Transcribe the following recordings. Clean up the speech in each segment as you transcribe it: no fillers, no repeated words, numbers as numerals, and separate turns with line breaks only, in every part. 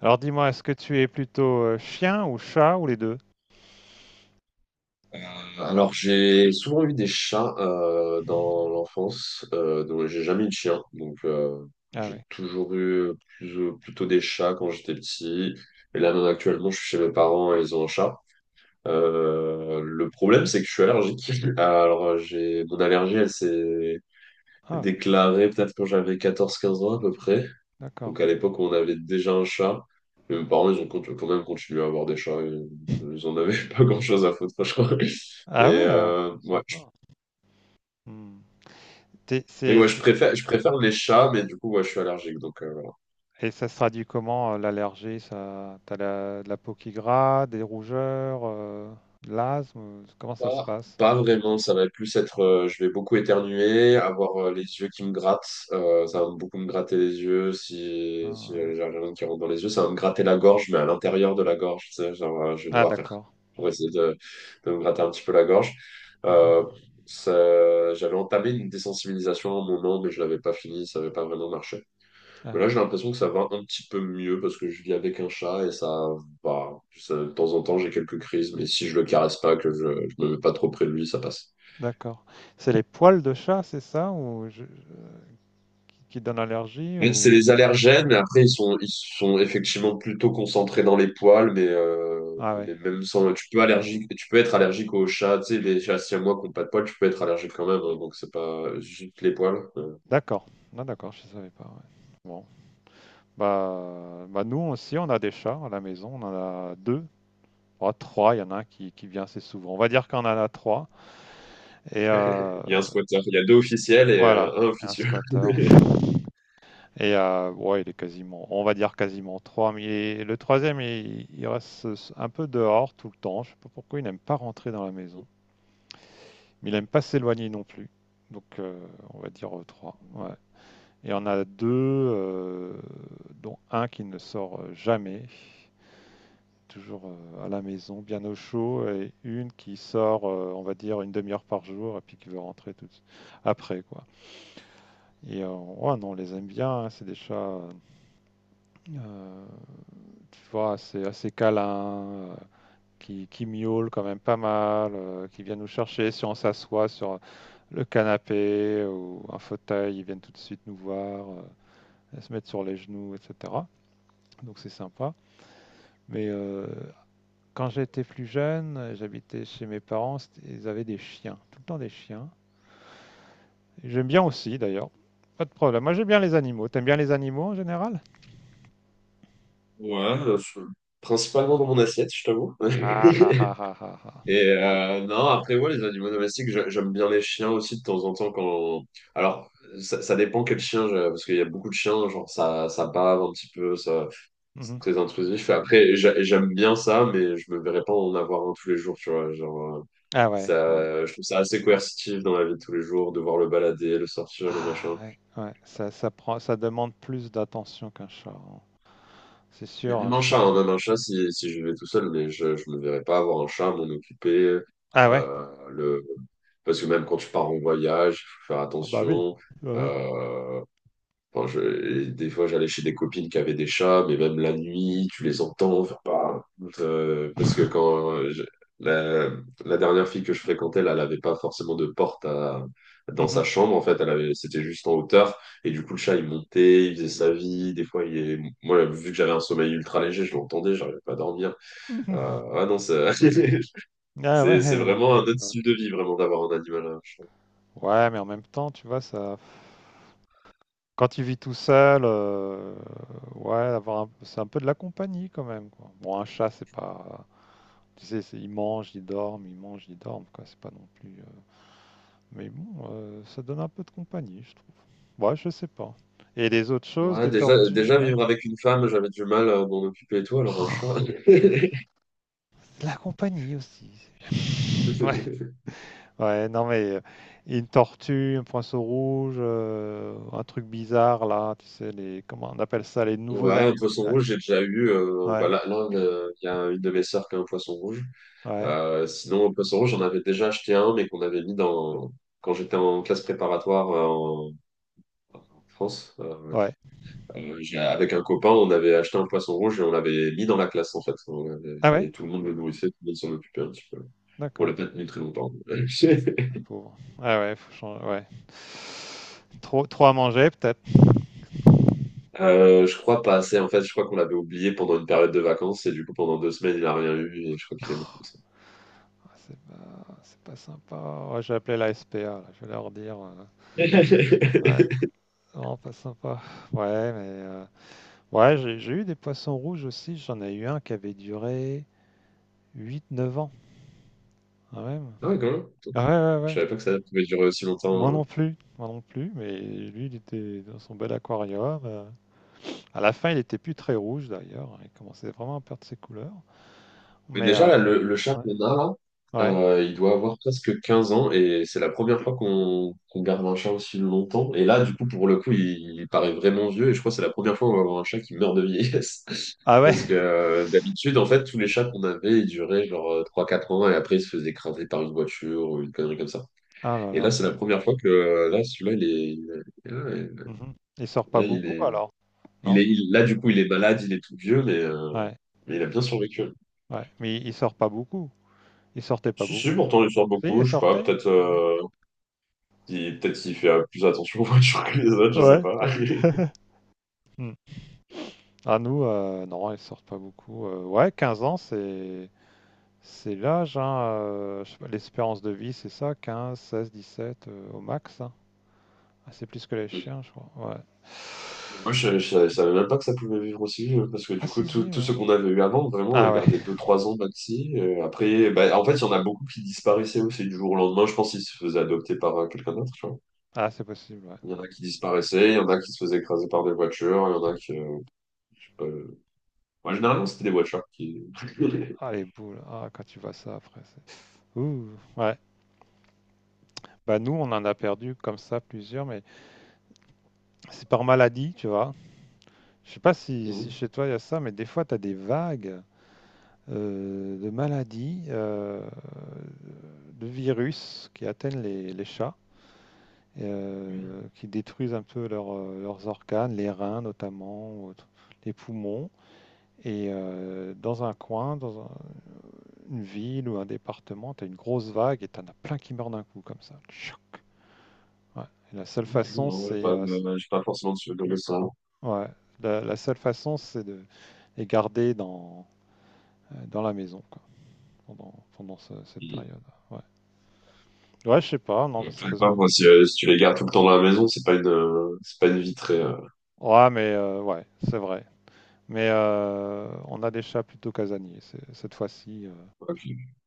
Alors dis-moi, est-ce que tu es plutôt chien ou chat ou les deux?
Alors, j'ai souvent eu des chats dans l'enfance, donc j'ai jamais eu de chien. Donc,
Ah oui.
j'ai toujours eu plutôt des chats quand j'étais petit. Et là, même actuellement, je suis chez mes parents et ils ont un chat. Le problème, c'est que je suis allergique. Alors, j'ai mon allergie, elle s'est
Ah,
déclarée peut-être quand j'avais 14-15 ans à peu près.
d'accord.
Donc, à l'époque, on avait déjà un chat. Mais mes parents, ils ont quand même continué à avoir des chats. Ils ils en avaient pas grand-chose à foutre, franchement. Et
Ah ouais,
ouais,
sympa. Hmm. T'es-
mais
c'est-
ouais, je
c'est-
préfère, je préfère les chats, mais du coup, ouais, je suis allergique, donc voilà.
Et ça se traduit comment l'allergie, ça? De la peau qui gratte, des rougeurs, de l'asthme? Comment ça se
Pas,
passe?
pas vraiment, ça va plus être, je vais beaucoup éternuer, avoir les yeux qui me grattent, ça va beaucoup me gratter les yeux, si
Ah, ouais.
j'ai rien qui rentre dans les yeux, ça va me gratter la gorge, mais à l'intérieur de la gorge, tu sais, genre, je vais
Ah,
devoir faire,
d'accord.
pour essayer de me gratter un petit peu la gorge.
Mhm.
Euh, J'avais entamé une désensibilisation à un moment, mais je l'avais pas fini, ça n'avait pas vraiment marché. Mais
Ah,
là, j'ai l'impression que ça va un petit peu mieux parce que je vis avec un chat et ça va. De temps en temps, j'ai quelques crises, mais si je le caresse pas, que je me mets pas trop près de lui, ça passe.
d'accord. C'est les poils de chat, c'est ça, ou qui donnent allergie
Mais c'est
ou.
les allergènes, mais après, ils sont effectivement plutôt concentrés dans les poils, mais, euh,
Ah ouais.
mais même sans. Tu peux, allergique, tu peux être allergique aux chats, tu sais, les chats siamois qui n'ont pas de poils, tu peux être allergique quand même, hein, donc c'est pas juste les poils.
D'accord. Ah, d'accord, je savais pas. Ouais. Bon. Nous aussi, on a des chats à la maison. On en a deux. Ah, trois. Il y en a un qui vient assez souvent. On va dire qu'on en a trois. Et
Il y a un squatter, il y a deux officiels et
voilà,
un
un
officieux.
squatter. Et ouais, il est quasiment, on va dire quasiment trois. Le troisième, il reste un peu dehors tout le temps. Je sais pas pourquoi il n'aime pas rentrer dans la maison. Mais il n'aime pas s'éloigner non plus. Donc, on va dire trois. Ouais. Et on a deux, dont un qui ne sort jamais. Toujours à la maison, bien au chaud, et une qui sort, on va dire, une demi-heure par jour, et puis qui veut rentrer tout après, quoi. Et ouais, non, on les aime bien, hein, c'est des chats, euh, tu vois, assez, assez câlins, qui miaulent quand même pas mal, qui viennent nous chercher si on s'assoit sur le canapé ou un fauteuil, ils viennent tout de suite nous voir, se mettre sur les genoux, etc. Donc c'est sympa. Mais quand j'étais plus jeune, j'habitais chez mes parents, ils avaient des chiens, tout le temps des chiens. J'aime bien aussi d'ailleurs, pas de problème. Moi j'aime bien les animaux. T'aimes bien les animaux en général?
Ouais, principalement dans mon assiette, je t'avoue.
Ah ah ah ah ah ah.
Et non, après, ouais, les animaux domestiques, j'aime bien les chiens aussi de temps en temps quand. Alors, ça dépend quel chien, parce qu'il y a beaucoup de chiens, genre ça, ça bave un petit peu, ça, c'est
Mhm.
très intrusif. Après, j'aime bien ça, mais je me verrais pas en avoir un tous les jours, tu vois. Genre,
Ah ouais, ouais.
ça, je trouve ça assez coercitif dans la vie de tous les jours, devoir le balader, le sortir, le
Ah
machin.
ouais, ouais. Ça prend, ça demande plus d'attention qu'un chat, hein. C'est
Mais
sûr, un
même un chat,
chien.
hein, même un chat si je vais tout seul, mais je me verrais pas avoir un chat, m'en occuper.
Ah ouais?
euh, le... Parce que même quand tu pars en voyage, il faut faire
Ah bah oui,
attention.
bah oui.
euh, enfin, et des fois, j'allais chez des copines qui avaient des chats, mais même la nuit, tu les entends. Enfin, parce que quand je- la, la dernière fille que je fréquentais, là, elle n'avait pas forcément de porte dans
Mhm.
sa chambre. En fait, elle avait, c'était juste en hauteur. Et du coup, le chat, il montait, il faisait sa vie. Des fois, il est... Moi, vu que j'avais un sommeil ultra léger, je l'entendais, j'arrivais pas à dormir.
Mhm.
Ah non,
Ah ouais.
c'est
Ouais,
vraiment un
ouais.
autre style de vie, vraiment, d'avoir un animal, un chat.
Ouais, mais en même temps, tu vois, ça. Quand tu vis tout seul, ouais, avoir un c'est un peu de la compagnie quand même, quoi. Bon, un chat, c'est pas tu sais, c'est ils mangent, ils dorment, ils mangent, ils dorment, quoi. C'est pas non plus, mais bon, ça donne un peu de compagnie, je trouve. Ouais, je sais pas. Et les autres choses,
Ouais,
des
déjà,
tortues
déjà,
ouais.
vivre avec une femme, j'avais du mal à m'en occuper et tout, alors un chat.
Oh, de la compagnie aussi, c'est bien. Ouais, ouais, non, mais, une tortue, un poisson rouge, un truc bizarre là, tu sais les comment on appelle ça? Les nouveaux
Ouais, un
amis.
poisson rouge, j'ai déjà eu. Bah
Ouais,
là, il y a une de mes sœurs qui a un poisson rouge.
ouais,
Sinon, un poisson rouge, j'en avais déjà acheté un, mais qu'on avait mis dans quand j'étais en classe préparatoire en France.
ouais.
Avec un copain, on avait acheté un poisson rouge et on l'avait mis dans la classe en fait.
Ah ouais?
Et tout le monde le nourrissait, tout le monde s'en occupait un petit peu. On
D'accord,
l'a peut-être très longtemps.
le pauvre. Ah ouais, faut changer, ouais. Trop, trop à manger, peut-être.
Je crois pas assez. En fait, je crois qu'on l'avait oublié pendant une période de vacances et du coup, pendant 2 semaines, il a rien eu et je crois qu'il est mort comme ça.
Ah, c'est pas, c'est pas sympa. Ouais, j'ai appelé la SPA, là, je vais leur dire. Ouais, c'est vraiment pas sympa. Ouais, mais. Ouais, j'ai eu des poissons rouges aussi. J'en ai eu un qui avait duré 8, 9 ans, quand même.
Ah ouais, quand même.
Ah ouais, ouais,
Je
ouais.
savais pas que ça pouvait durer aussi longtemps.
Moi non plus, mais lui, il était dans son bel aquarium. À la fin, il était plus très rouge d'ailleurs, hein. Il commençait vraiment à perdre ses couleurs.
Mais
Mais
déjà, là, le chat
ouais.
qu'on a, là,
Ouais.
il doit avoir presque 15 ans et c'est la première fois qu'on garde un chat aussi longtemps. Et là, du coup, pour le coup, il paraît vraiment vieux et je crois que c'est la première fois qu'on va avoir un chat qui meurt de vieillesse.
Ah ouais,
Parce que d'habitude, en fait, tous les chats qu'on avait, ils duraient genre 3-4 ans et après, ils se faisaient écraser par une voiture ou une connerie comme ça.
ah là
Et là,
là.
c'est la première fois que là, celui-là, est-
Mmh mh. Il sort pas
là,
beaucoup alors? Non?
du coup, il est malade, il est tout vieux,
Ouais,
mais il a bien survécu.
ouais, mais il sort pas beaucoup. Il sortait pas
Si, si,
beaucoup.
pourtant, il sort
Si,
beaucoup.
il
Je sais pas,
sortait?
peut-être
Ouais.
peut-être qu'il fait plus attention aux voitures que les autres, je sais
Ouais,
pas.
ouais. Mmh. Ah nous, non, ils sortent pas beaucoup, ouais 15 ans c'est l'âge, hein, je sais pas l'espérance de vie, c'est ça 15-16-17, au max, hein? Ah c'est plus que les chiens je crois, ouais.
Et moi, je savais même pas que ça pouvait vivre aussi, parce que
Ah
du coup,
si,
tout,
si,
tout ce
ouais.
qu'on avait eu avant, vraiment, on
Ah
les
ouais,
gardait deux trois ans maxi. Après, bah, en fait, il y en a beaucoup qui disparaissaient aussi du jour au lendemain. Je pense qu'ils se faisaient adopter par quelqu'un d'autre, tu vois.
ah c'est possible, ouais.
Il y en a qui disparaissaient, il y en a qui se faisaient écraser par des voitures, il y en a qui. Je sais pas. Moi, généralement, c'était des voitures qui.
Ah les boules, ah quand tu vois ça après c'est ouh, ouais. Bah nous, on en a perdu comme ça plusieurs, mais c'est par maladie, tu vois. Je sais pas si
Non,
chez toi il y a ça, mais des fois tu as des vagues de maladies, de virus qui atteignent les chats, qui détruisent un peu leur, leurs organes, les reins notamment, les poumons. Et dans un coin, une ville ou un département, tu as une grosse vague et tu en as plein qui meurent d'un coup comme ça. Tchouk. Ouais. Et la seule façon,
non, ouais,
c'est
pas, de- j'ai pas forcément de souvenir de ça.
Ouais, la seule façon, c'est de les garder dans, dans la maison, quoi, pendant cette période. Ouais, ouais, je sais pas, non,
Ouais,
parce
peut-être
parce
pas,
que.
moi, si, si tu les gardes tout le temps dans la maison, c'est pas une vie très.
Ouais, mais ouais, c'est vrai. Mais on a des chats plutôt casaniers, cette fois-ci.
Ok.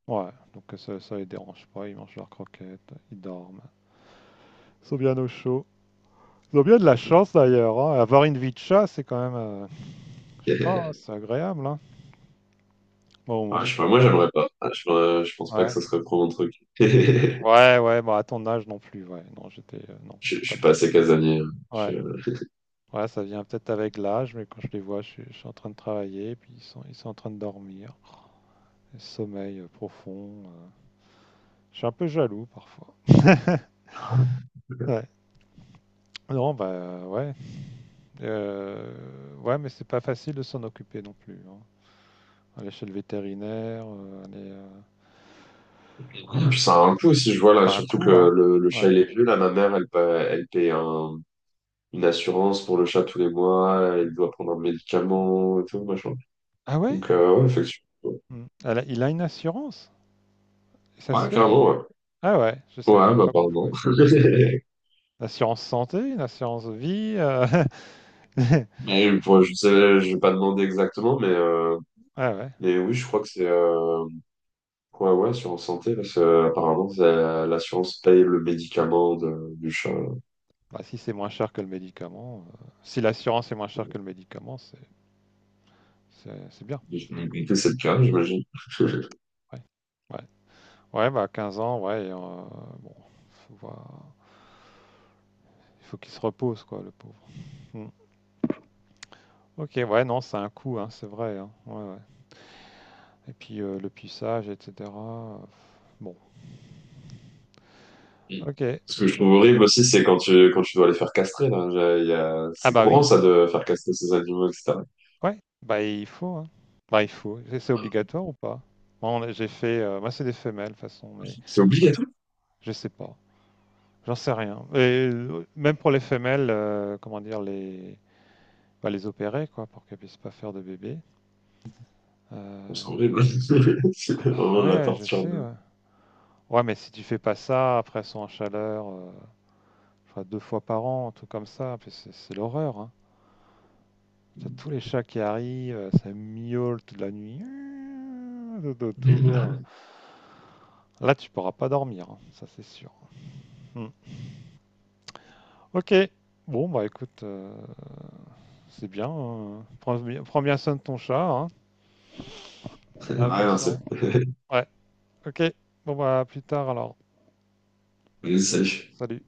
Ouais, donc ça les dérange pas, ils mangent leurs croquettes, ils dorment. Ils sont bien au chaud. Ils ont bien de la chance d'ailleurs, hein. Avoir une vie de chat, c'est quand même, je sais pas, c'est agréable, hein. Bon, moi
Ouais,
je
je sais pas, moi,
travaille.
j'aimerais pas. Ah, Je pense pas que
Ouais.
ça serait trop mon truc.
Ouais, ouais, bah à ton âge non plus, ouais. Non, j'étais non,
Je,
pas
je suis
comme
pas
ça.
assez casanier, hein.
Ouais. Ouais, ça vient peut-être avec l'âge, mais quand je les vois, je suis en train de travailler, puis ils sont en train de dormir. Sommeil profond. Je suis un peu jaloux parfois. Ouais. Non, bah ouais. Ouais, mais c'est pas facile de s'en occuper non plus, hein. Aller chez le vétérinaire, aller.
Puis ça a un coût aussi, je vois là,
C'est un
surtout que
coup, hein.
le
Ouais.
chat il est vieux. Là, ma mère, elle paye une assurance pour le chat tous les mois. Elle doit prendre un médicament et tout, machin.
Ah ouais?
Donc, ouais, effectivement.
Hmm. Il a une assurance? Ça se
Ouais,
fait, ça?
carrément, ouais.
Ah ouais, je savais
Ouais,
même
bah,
pas qu'on
pardon.
pouvait. Une assurance santé, une assurance vie.
Mais, bon, je sais, je vais pas demander exactement, mais.
Ouais, ouais.
Et oui, je crois que c'est ouais, ouais, assurance santé, parce que apparemment, l'assurance paye le médicament du chat.
Bah, si c'est moins cher que le médicament, si l'assurance est moins chère que le médicament, c'est bien.
J'ai compris, c'est le cas, j'imagine.
Ouais. Ouais. Ouais, bah 15 ans, ouais, et, bon, faut voir. Il faut qu'il se repose, quoi, le pauvre. Hmm. Ok, ouais, non, c'est un coût, hein, c'est vrai, hein. Ouais, ouais. Et puis le puçage, etc. Bon, ok.
Ce que je trouve horrible aussi, c'est quand tu dois les faire castrer, là.
Ah
C'est
bah
courant,
oui,
ça, de faire castrer ces animaux, etc.
ouais, bah il faut, hein. Bah il faut. C'est obligatoire ou pas? Moi, j'ai fait, moi c'est des femelles de toute façon, mais
C'est
voilà.
obligatoire.
Je sais pas. J'en sais rien. Et même pour les femelles, comment dire, bah, les opérer, quoi, pour qu'elles puissent pas faire de bébé. Euh,
C'est horrible. C'est
Ah bah
vraiment de la
ouais, je sais,
torture.
ouais. Ouais, mais si tu fais pas ça, après elles sont en chaleur, je crois deux fois par an, un truc comme ça, puis c'est l'horreur, hein. T'as tous les chats qui arrivent, ça miaule toute la nuit, tout autour. Là, tu pourras pas dormir, hein, ça c'est sûr. Hmm. Ok. Bon, bah écoute, c'est bien. Prends bien soin de ton chat, hein.
Ah, ouais, non, c'est.
Attention. Ouais, ok. Bon, bah, à plus tard alors.
Salut.
Salut.